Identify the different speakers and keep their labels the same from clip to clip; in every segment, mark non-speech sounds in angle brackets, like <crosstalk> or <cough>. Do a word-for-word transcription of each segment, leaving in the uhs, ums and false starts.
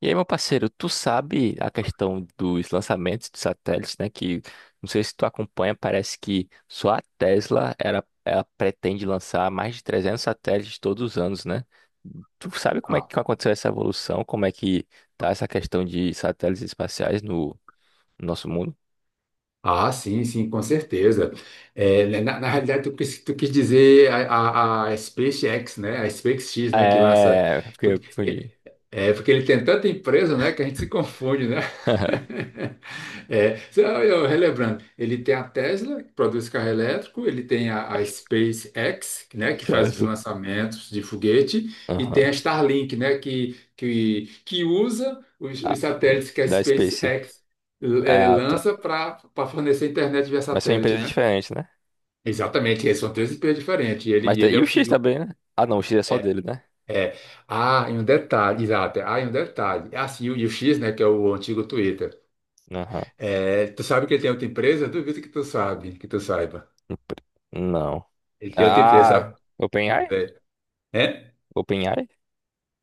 Speaker 1: E aí, meu parceiro, tu sabe a questão dos lançamentos de satélites, né? Que não sei se tu acompanha, parece que só a Tesla era, ela pretende lançar mais de trezentos satélites todos os anos, né? Tu sabe como é
Speaker 2: Ah,
Speaker 1: que aconteceu essa evolução? Como é que tá essa questão de satélites espaciais no, no nosso mundo?
Speaker 2: ah, sim, sim, com certeza. É, né, na, na realidade, tu, quis- tu quis dizer a, a, a SpaceX, né? A SpaceX, né? Que lança.
Speaker 1: É, porque eu
Speaker 2: porque-
Speaker 1: confundi.
Speaker 2: É, é, porque ele tem tanta empresa, né? Que a gente se confunde, né?
Speaker 1: <laughs>
Speaker 2: <laughs> É, só eu relembrando, ele tem a Tesla, que produz carro elétrico, ele tem a, a SpaceX, né? Que faz os
Speaker 1: Certo.
Speaker 2: lançamentos de foguete, e tem a
Speaker 1: Aham.
Speaker 2: Starlink, né? Que, que, que usa os,
Speaker 1: Ah,
Speaker 2: os satélites que a
Speaker 1: da Space.
Speaker 2: SpaceX é,
Speaker 1: Ah, tá.
Speaker 2: lança para fornecer internet via
Speaker 1: Mas são
Speaker 2: satélite,
Speaker 1: empresas
Speaker 2: né?
Speaker 1: diferentes, né?
Speaker 2: Exatamente, esses são três empresas diferentes. E ele,
Speaker 1: Mas
Speaker 2: e
Speaker 1: tá-
Speaker 2: ele
Speaker 1: e
Speaker 2: é o
Speaker 1: o X
Speaker 2: C E O.
Speaker 1: também, né? Ah, não, o X é só
Speaker 2: É,
Speaker 1: dele, né?
Speaker 2: é. Ah, e um detalhe, exato. É. Ah, e um detalhe. Ah, sim, e o X, né, que é o antigo Twitter.
Speaker 1: Aham.
Speaker 2: É, tu sabe que ele tem outra empresa? Duvido que tu sabe, que tu saiba.
Speaker 1: Empre- Não.
Speaker 2: Ele tem outra empresa,
Speaker 1: Ah,
Speaker 2: sabe?
Speaker 1: OpenAI?
Speaker 2: É. É?
Speaker 1: OpenAI?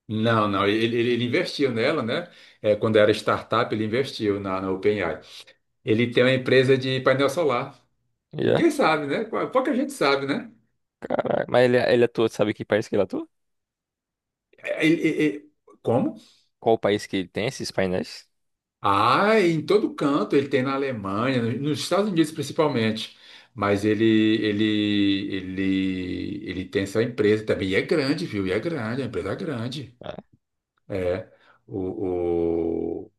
Speaker 2: Não, não, ele, ele- ele investiu nela, né? É, quando era startup, ele investiu na, na OpenAI. Ele tem uma empresa de painel solar.
Speaker 1: Yeah,
Speaker 2: Ninguém sabe, né? Pou- Pouca gente sabe, né?
Speaker 1: caralho. Mas ele, é, ele é atua, sabe que país que ele atua?
Speaker 2: É, ele- ele- ele- como?
Speaker 1: Qual o país que ele tem esses painéis?
Speaker 2: Ah, em todo canto, ele tem na Alemanha, no- nos Estados Unidos principalmente. Mas ele, ele, ele, ele tem essa empresa também. E é grande, viu? E é grande, a empresa é grande.
Speaker 1: Ah,
Speaker 2: É. O,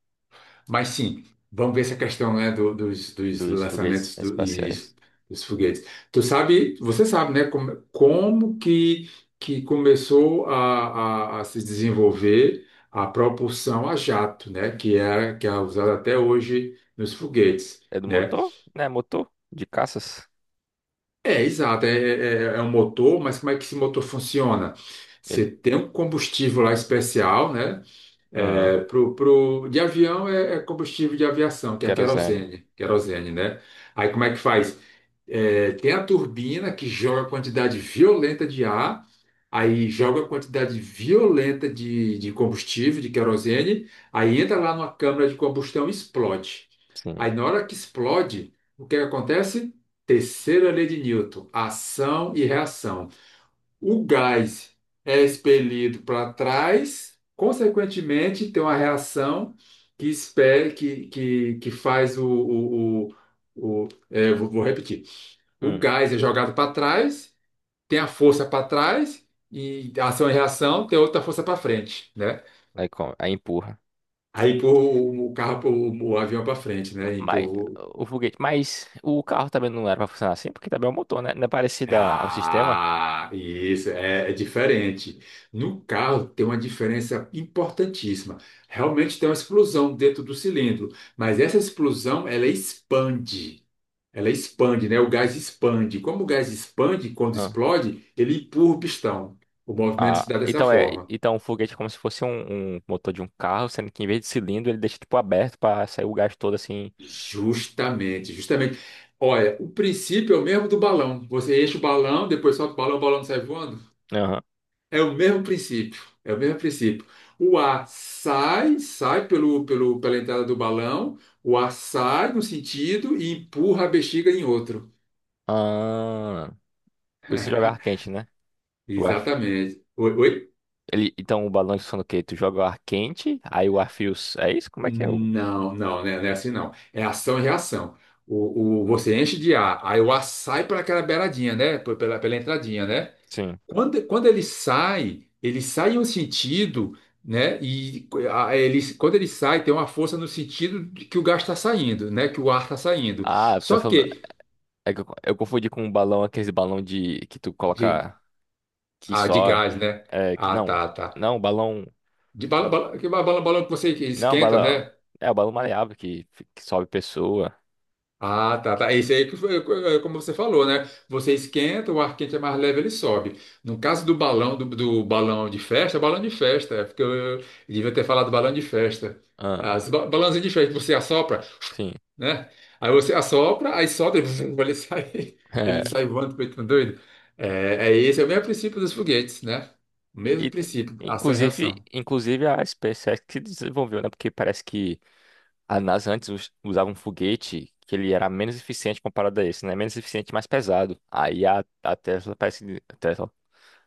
Speaker 2: mas sim, vamos ver essa questão, né, do- dos, dos
Speaker 1: dos foguetes
Speaker 2: lançamentos do- e
Speaker 1: espaciais.
Speaker 2: dos foguetes. Tu sabe, você sabe, né, como, como que, que começou a, a, a se desenvolver a propulsão a jato, né, que é, que é usada até hoje nos foguetes,
Speaker 1: É do
Speaker 2: né?
Speaker 1: motor? Né, motor? De caças?
Speaker 2: É, exato, é, é, é um motor, mas como é que esse motor funciona?
Speaker 1: Ele.
Speaker 2: Você tem um combustível lá especial, né?
Speaker 1: Ah,
Speaker 2: Pro, pro, de avião é, é combustível de aviação, que é a
Speaker 1: querosene.
Speaker 2: querosene, querosene, né? Aí como é que faz? É, tem a turbina que joga quantidade violenta de ar, aí joga quantidade violenta de, de combustível, de querosene, aí entra lá numa câmara de combustão e explode.
Speaker 1: Sim.
Speaker 2: Aí na hora que explode, o que que acontece? Terceira lei de Newton, ação e reação. O gás é expelido para trás, consequentemente, tem uma reação que, espere, que, que, que faz o. o, o, o- é, vou, vou repetir. O
Speaker 1: Hum.
Speaker 2: gás é jogado para trás, tem a força para trás, e ação e reação tem outra força para frente, né?
Speaker 1: Aí, como? Aí empurra.
Speaker 2: Aí empurra o, o carro, o, o avião para frente, né?
Speaker 1: Mas
Speaker 2: Empurra.
Speaker 1: o foguete. Mas o carro também não era pra funcionar assim, porque também é o motor, né? Não é parecido a- ao sistema?
Speaker 2: Ah, isso é, é diferente. No carro tem uma diferença importantíssima. Realmente tem uma explosão dentro do cilindro, mas essa explosão ela expande. Ela expande, né? O gás expande. Como o gás expande, quando explode, ele empurra o pistão. O movimento
Speaker 1: Ah,
Speaker 2: se dá dessa
Speaker 1: então é,
Speaker 2: forma.
Speaker 1: então o foguete é como se fosse um, um motor de um carro, sendo que em vez de cilindro ele deixa tipo aberto pra sair o gás todo assim.
Speaker 2: Justamente, justamente. Olha, o princípio é o mesmo do balão. Você enche o balão, depois solta o balão, o balão sai voando.
Speaker 1: Aham.
Speaker 2: É o mesmo princípio, é o mesmo princípio. O ar sai, sai pelo, pelo, pela entrada do balão, o ar sai num sentido e empurra a bexiga em outro.
Speaker 1: Ah, por isso que joga ar quente, né? O ar...
Speaker 2: Exatamente. Oi, oi?
Speaker 1: Ele, então o balão de funciona o quê? Tu joga o ar quente, aí o ar frio. s- É isso? Como é que é? o-
Speaker 2: Não, não, né? Não é assim não. É ação e reação. O, o, você enche de ar, aí o ar sai por aquela beiradinha, né? Por Pela, pela entradinha, né?
Speaker 1: Sim.
Speaker 2: Quando, quando ele sai, ele sai em um sentido, né? E a- ele, quando ele sai, tem uma força no sentido de que o gás está saindo, né? Que o ar está saindo.
Speaker 1: Ah, você tá
Speaker 2: Só
Speaker 1: falando.
Speaker 2: que
Speaker 1: É que eu, eu confundi com um balão, aqueles balão de que tu
Speaker 2: de,
Speaker 1: coloca que
Speaker 2: ah, de
Speaker 1: só.
Speaker 2: gás, né?
Speaker 1: É, que,
Speaker 2: Ah,
Speaker 1: não,
Speaker 2: tá, tá.
Speaker 1: não, balão.
Speaker 2: De bala, bala, que bala, bala- balão que você
Speaker 1: Não,
Speaker 2: esquenta,
Speaker 1: balão.
Speaker 2: né?
Speaker 1: É o balão maleável que, que sobe pessoa.
Speaker 2: Ah, tá, tá. Esse aí que foi, eh, como você falou, né? Você esquenta, o ar quente é mais leve, ele sobe. No caso do balão, do, do balão de festa, balão de festa, é porque eu, eu devia ter falado balão de festa.
Speaker 1: Ah,
Speaker 2: As ba balãozinhas de festa, que você assopra,
Speaker 1: sim.
Speaker 2: né? Aí você assopra, aí sobe, <laughs> ele sai, ele
Speaker 1: <laughs>
Speaker 2: sai voando, feito um doido. É, é esse é o mesmo princípio dos foguetes, né? O mesmo
Speaker 1: E,
Speaker 2: princípio, ação e
Speaker 1: inclusive,
Speaker 2: reação.
Speaker 1: inclusive a SpaceX que desenvolveu, né? Porque parece que a NASA antes us- usava um foguete que ele era menos eficiente comparado a esse, né? Menos eficiente, e mais pesado. Aí a, a Tesla parece que a Tesla,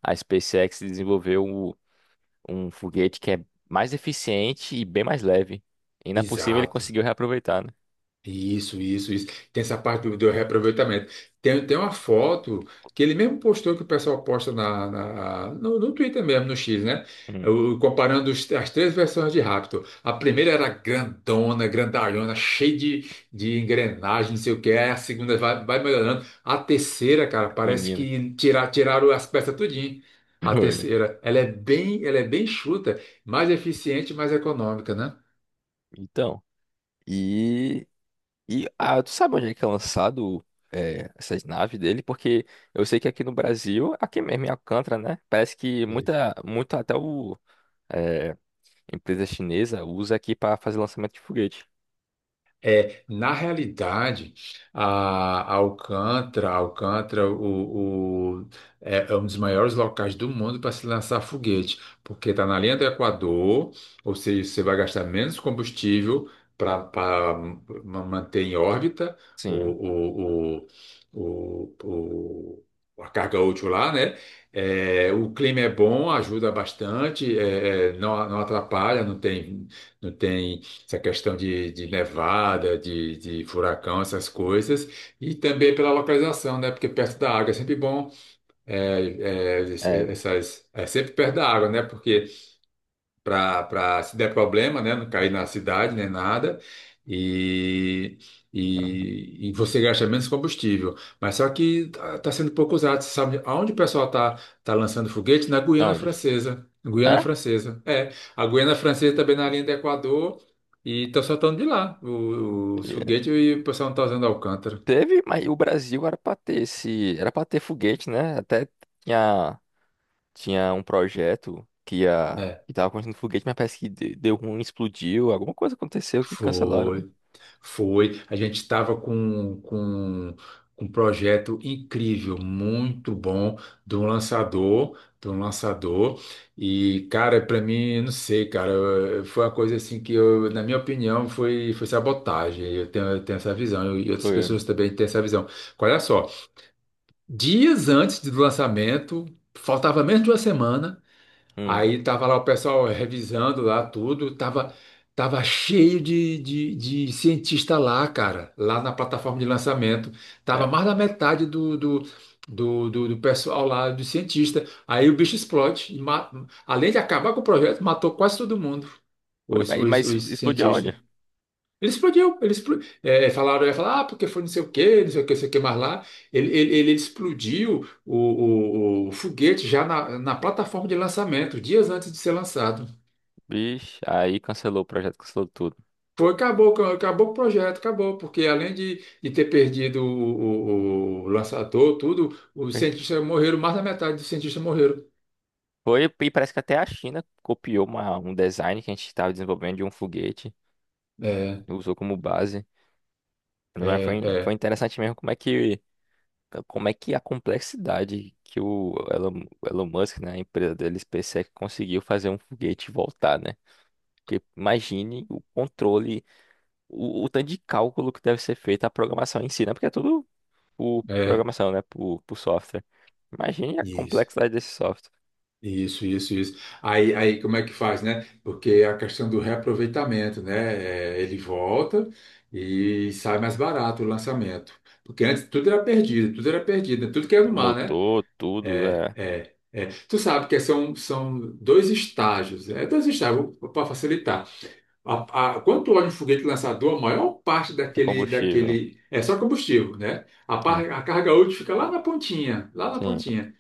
Speaker 1: a SpaceX desenvolveu o- um foguete que é mais eficiente e bem mais leve. E na possível ele
Speaker 2: Exato.
Speaker 1: conseguiu reaproveitar, né?
Speaker 2: Isso, isso, isso. Tem essa parte do, do reaproveitamento. Tem, tem uma foto que ele mesmo postou, que o pessoal posta na, na- no, no Twitter mesmo, no X, né?
Speaker 1: Hum,
Speaker 2: O- comparando os- as três versões de Raptor. A primeira era grandona, grandalhona, cheia de, de engrenagem, não sei o que. Aí a segunda vai, vai melhorando. A terceira, cara, parece
Speaker 1: menino.
Speaker 2: que tirar, tiraram as peças tudinho.
Speaker 1: <laughs>
Speaker 2: A
Speaker 1: Foi.
Speaker 2: terceira, ela é bem, ela é bem chuta, mais eficiente, mais econômica, né?
Speaker 1: Então. E E ah, tu sabe onde é que é lançado é, essas naves dele? Porque eu sei que aqui no Brasil, aqui mesmo em Alcântara, né? Parece que muita, muito até o é, empresa chinesa usa aqui para fazer lançamento de foguete.
Speaker 2: É, na realidade, a, a Alcântara, a Alcântara o, o- é, é um dos maiores locais do mundo para se lançar foguete, porque está na linha do Equador, ou seja, você vai gastar menos combustível para manter em órbita o,
Speaker 1: Sim.
Speaker 2: o, o, o, o- a carga útil lá, né? É, o clima é bom, ajuda bastante, é, é, não, não atrapalha, não tem, não tem essa questão de, de nevada, de, de furacão, essas coisas, e também pela localização, né? Porque perto da água é sempre bom, é, é,
Speaker 1: É.
Speaker 2: essas, é sempre perto da água, né? Porque para se der problema, né? Não cair na cidade nem nada. E,
Speaker 1: ah,
Speaker 2: e, e você gasta menos combustível. Mas só que está sendo pouco usado. Você sabe aonde o pessoal está tá tá lançando foguete? Na Guiana
Speaker 1: Onde?
Speaker 2: Francesa. Guiana
Speaker 1: É?
Speaker 2: Francesa. É, a Guiana Francesa também na linha do Equador. E estão soltando de lá o, o
Speaker 1: Yeah.
Speaker 2: foguete e o pessoal não está usando Alcântara.
Speaker 1: Teve, mas o Brasil era para ter esse, era para ter foguete, né? Até tinha tinha um projeto que ia
Speaker 2: É.
Speaker 1: que tava construindo foguete, mas parece que de- deu ruim, explodiu, alguma coisa aconteceu que cancelaram, né?
Speaker 2: Foi. Foi, a gente estava com, com, com um projeto incrível, muito bom, de um lançador, de um lançador. E, cara, para mim, não sei, cara, eu- foi uma coisa assim que, eu, na minha opinião, foi, foi sabotagem. Eu tenho, eu tenho essa visão, eu- e outras
Speaker 1: Foi,
Speaker 2: pessoas também têm essa visão. Olha só, dias antes do lançamento, faltava menos de uma semana.
Speaker 1: hum,
Speaker 2: Aí tava lá o pessoal revisando lá tudo, tava, tava cheio de, de, de cientista lá, cara, lá na plataforma de lançamento. Tava
Speaker 1: é.
Speaker 2: mais da metade do, do, do, do, do pessoal lá, do cientista. Aí o bicho explode. e ma- Além de acabar com o projeto, matou quase todo mundo,
Speaker 1: Foi,
Speaker 2: os,
Speaker 1: mas,
Speaker 2: os,
Speaker 1: mas
Speaker 2: os
Speaker 1: explodiu
Speaker 2: cientistas.
Speaker 1: onde?
Speaker 2: Ele explodiu, ele explo- é, é, falaram, ia falar, ah, porque foi não sei o quê, não sei o quê, não sei o quê mais lá. Ele, ele, ele explodiu o, o- o foguete já na, na plataforma de lançamento, dias antes de ser lançado.
Speaker 1: Vixe, aí cancelou o projeto, cancelou tudo.
Speaker 2: Foi, acabou, com- acabou o projeto, acabou, porque além de, de ter perdido o, o- o lançador, tudo, os
Speaker 1: Perdeu.
Speaker 2: cientistas morreram, mais da metade dos cientistas morreram.
Speaker 1: Foi, e parece que até a China copiou uma- um design que a gente estava desenvolvendo de um foguete,
Speaker 2: É,
Speaker 1: usou como base. Né?
Speaker 2: é,
Speaker 1: Mas foi, foi
Speaker 2: é,
Speaker 1: interessante mesmo como é que, como é que a complexidade que o Elon, o Elon Musk, né, a empresa dele, SpaceX, conseguiu fazer um foguete voltar, né? Porque imagine o controle, o, o tanto de cálculo que deve ser feito a programação em si, né? Porque é tudo por
Speaker 2: é,
Speaker 1: programação, né? Por, por software. Imagine a
Speaker 2: isso.
Speaker 1: complexidade desse software.
Speaker 2: Isso, isso, isso. Aí, aí como é que faz, né? Porque a questão do reaproveitamento, né? É, ele volta e sai mais barato o lançamento. Porque antes tudo era perdido, tudo era perdido, né? Tudo que era no mar, né?
Speaker 1: Motor, tudo, é,
Speaker 2: É, é. Tu sabe que são, são dois estágios, é dois estágios para facilitar. A, a, quando tu olha um foguete lançador, a maior parte
Speaker 1: é
Speaker 2: daquele,
Speaker 1: combustível.
Speaker 2: daquele é só combustível, né? A,
Speaker 1: É,
Speaker 2: par- a carga útil fica lá na pontinha, lá na
Speaker 1: sim,
Speaker 2: pontinha.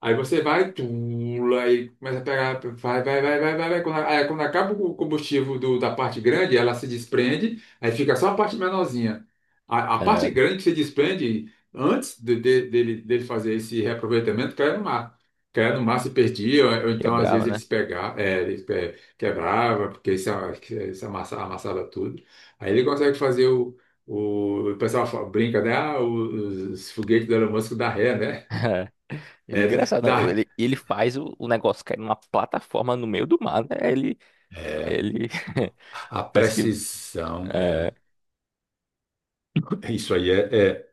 Speaker 2: Aí você vai, pula e começa a pegar, vai, vai, vai, vai, vai, vai. Quando, a- aí quando acaba o combustível do- da parte grande, ela se desprende, aí fica só a parte menorzinha. A, a
Speaker 1: é,
Speaker 2: parte grande que se desprende antes de- de- dele, dele fazer esse reaproveitamento cai no mar. Caia no mar, se perdia, ou, ou então às
Speaker 1: quebrava,
Speaker 2: vezes
Speaker 1: né?
Speaker 2: eles pegavam, é, eles pe- quebrava, porque isso, isso amassa- amassava tudo. Aí ele consegue fazer o. O, o pessoal fa- brinca, né? Ah, os, os foguetes do Elon Musk da ré,
Speaker 1: <laughs>
Speaker 2: né?
Speaker 1: É.
Speaker 2: É,
Speaker 1: Engraçado, não,
Speaker 2: dá,
Speaker 1: ele, ele faz o, o negócio cair numa plataforma no meio do mar, né? Ele,
Speaker 2: É,
Speaker 1: ele
Speaker 2: a,
Speaker 1: <laughs>
Speaker 2: a
Speaker 1: parece que
Speaker 2: precisão, é,
Speaker 1: é,
Speaker 2: <laughs> isso aí é,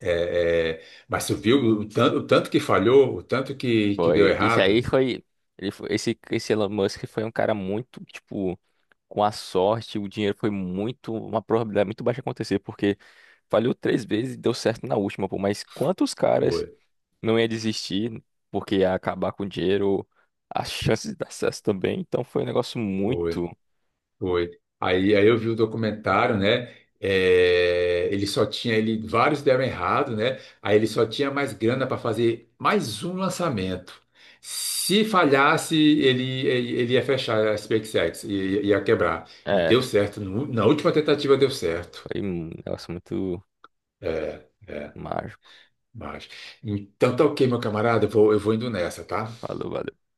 Speaker 2: é, é, é- mas tu viu o tanto, o tanto que falhou, o tanto que, que deu
Speaker 1: Foi, isso aí
Speaker 2: errado?
Speaker 1: foi, ele foi- esse, esse Elon Musk foi um cara muito, tipo, com a sorte, o dinheiro foi muito, uma probabilidade muito baixa de acontecer, porque falhou três vezes e deu certo na última, pô, mas quantos caras
Speaker 2: Foi,
Speaker 1: não ia desistir porque ia acabar com o dinheiro, as chances de dar certo também, então foi um negócio
Speaker 2: foi,
Speaker 1: muito,
Speaker 2: foi. Aí, aí eu vi o documentário, né? É, ele só tinha, ele, vários deram errado, né? Aí ele só tinha mais grana para fazer mais um lançamento. Se falhasse, ele, ele, ele ia fechar a SpaceX, ia, ia quebrar. E deu
Speaker 1: é,
Speaker 2: certo, no- na última tentativa deu certo.
Speaker 1: foi um negócio muito
Speaker 2: É. É.
Speaker 1: mágico,
Speaker 2: Mas, então tá ok, meu camarada, eu vou, eu vou indo nessa, tá?
Speaker 1: falou, valeu.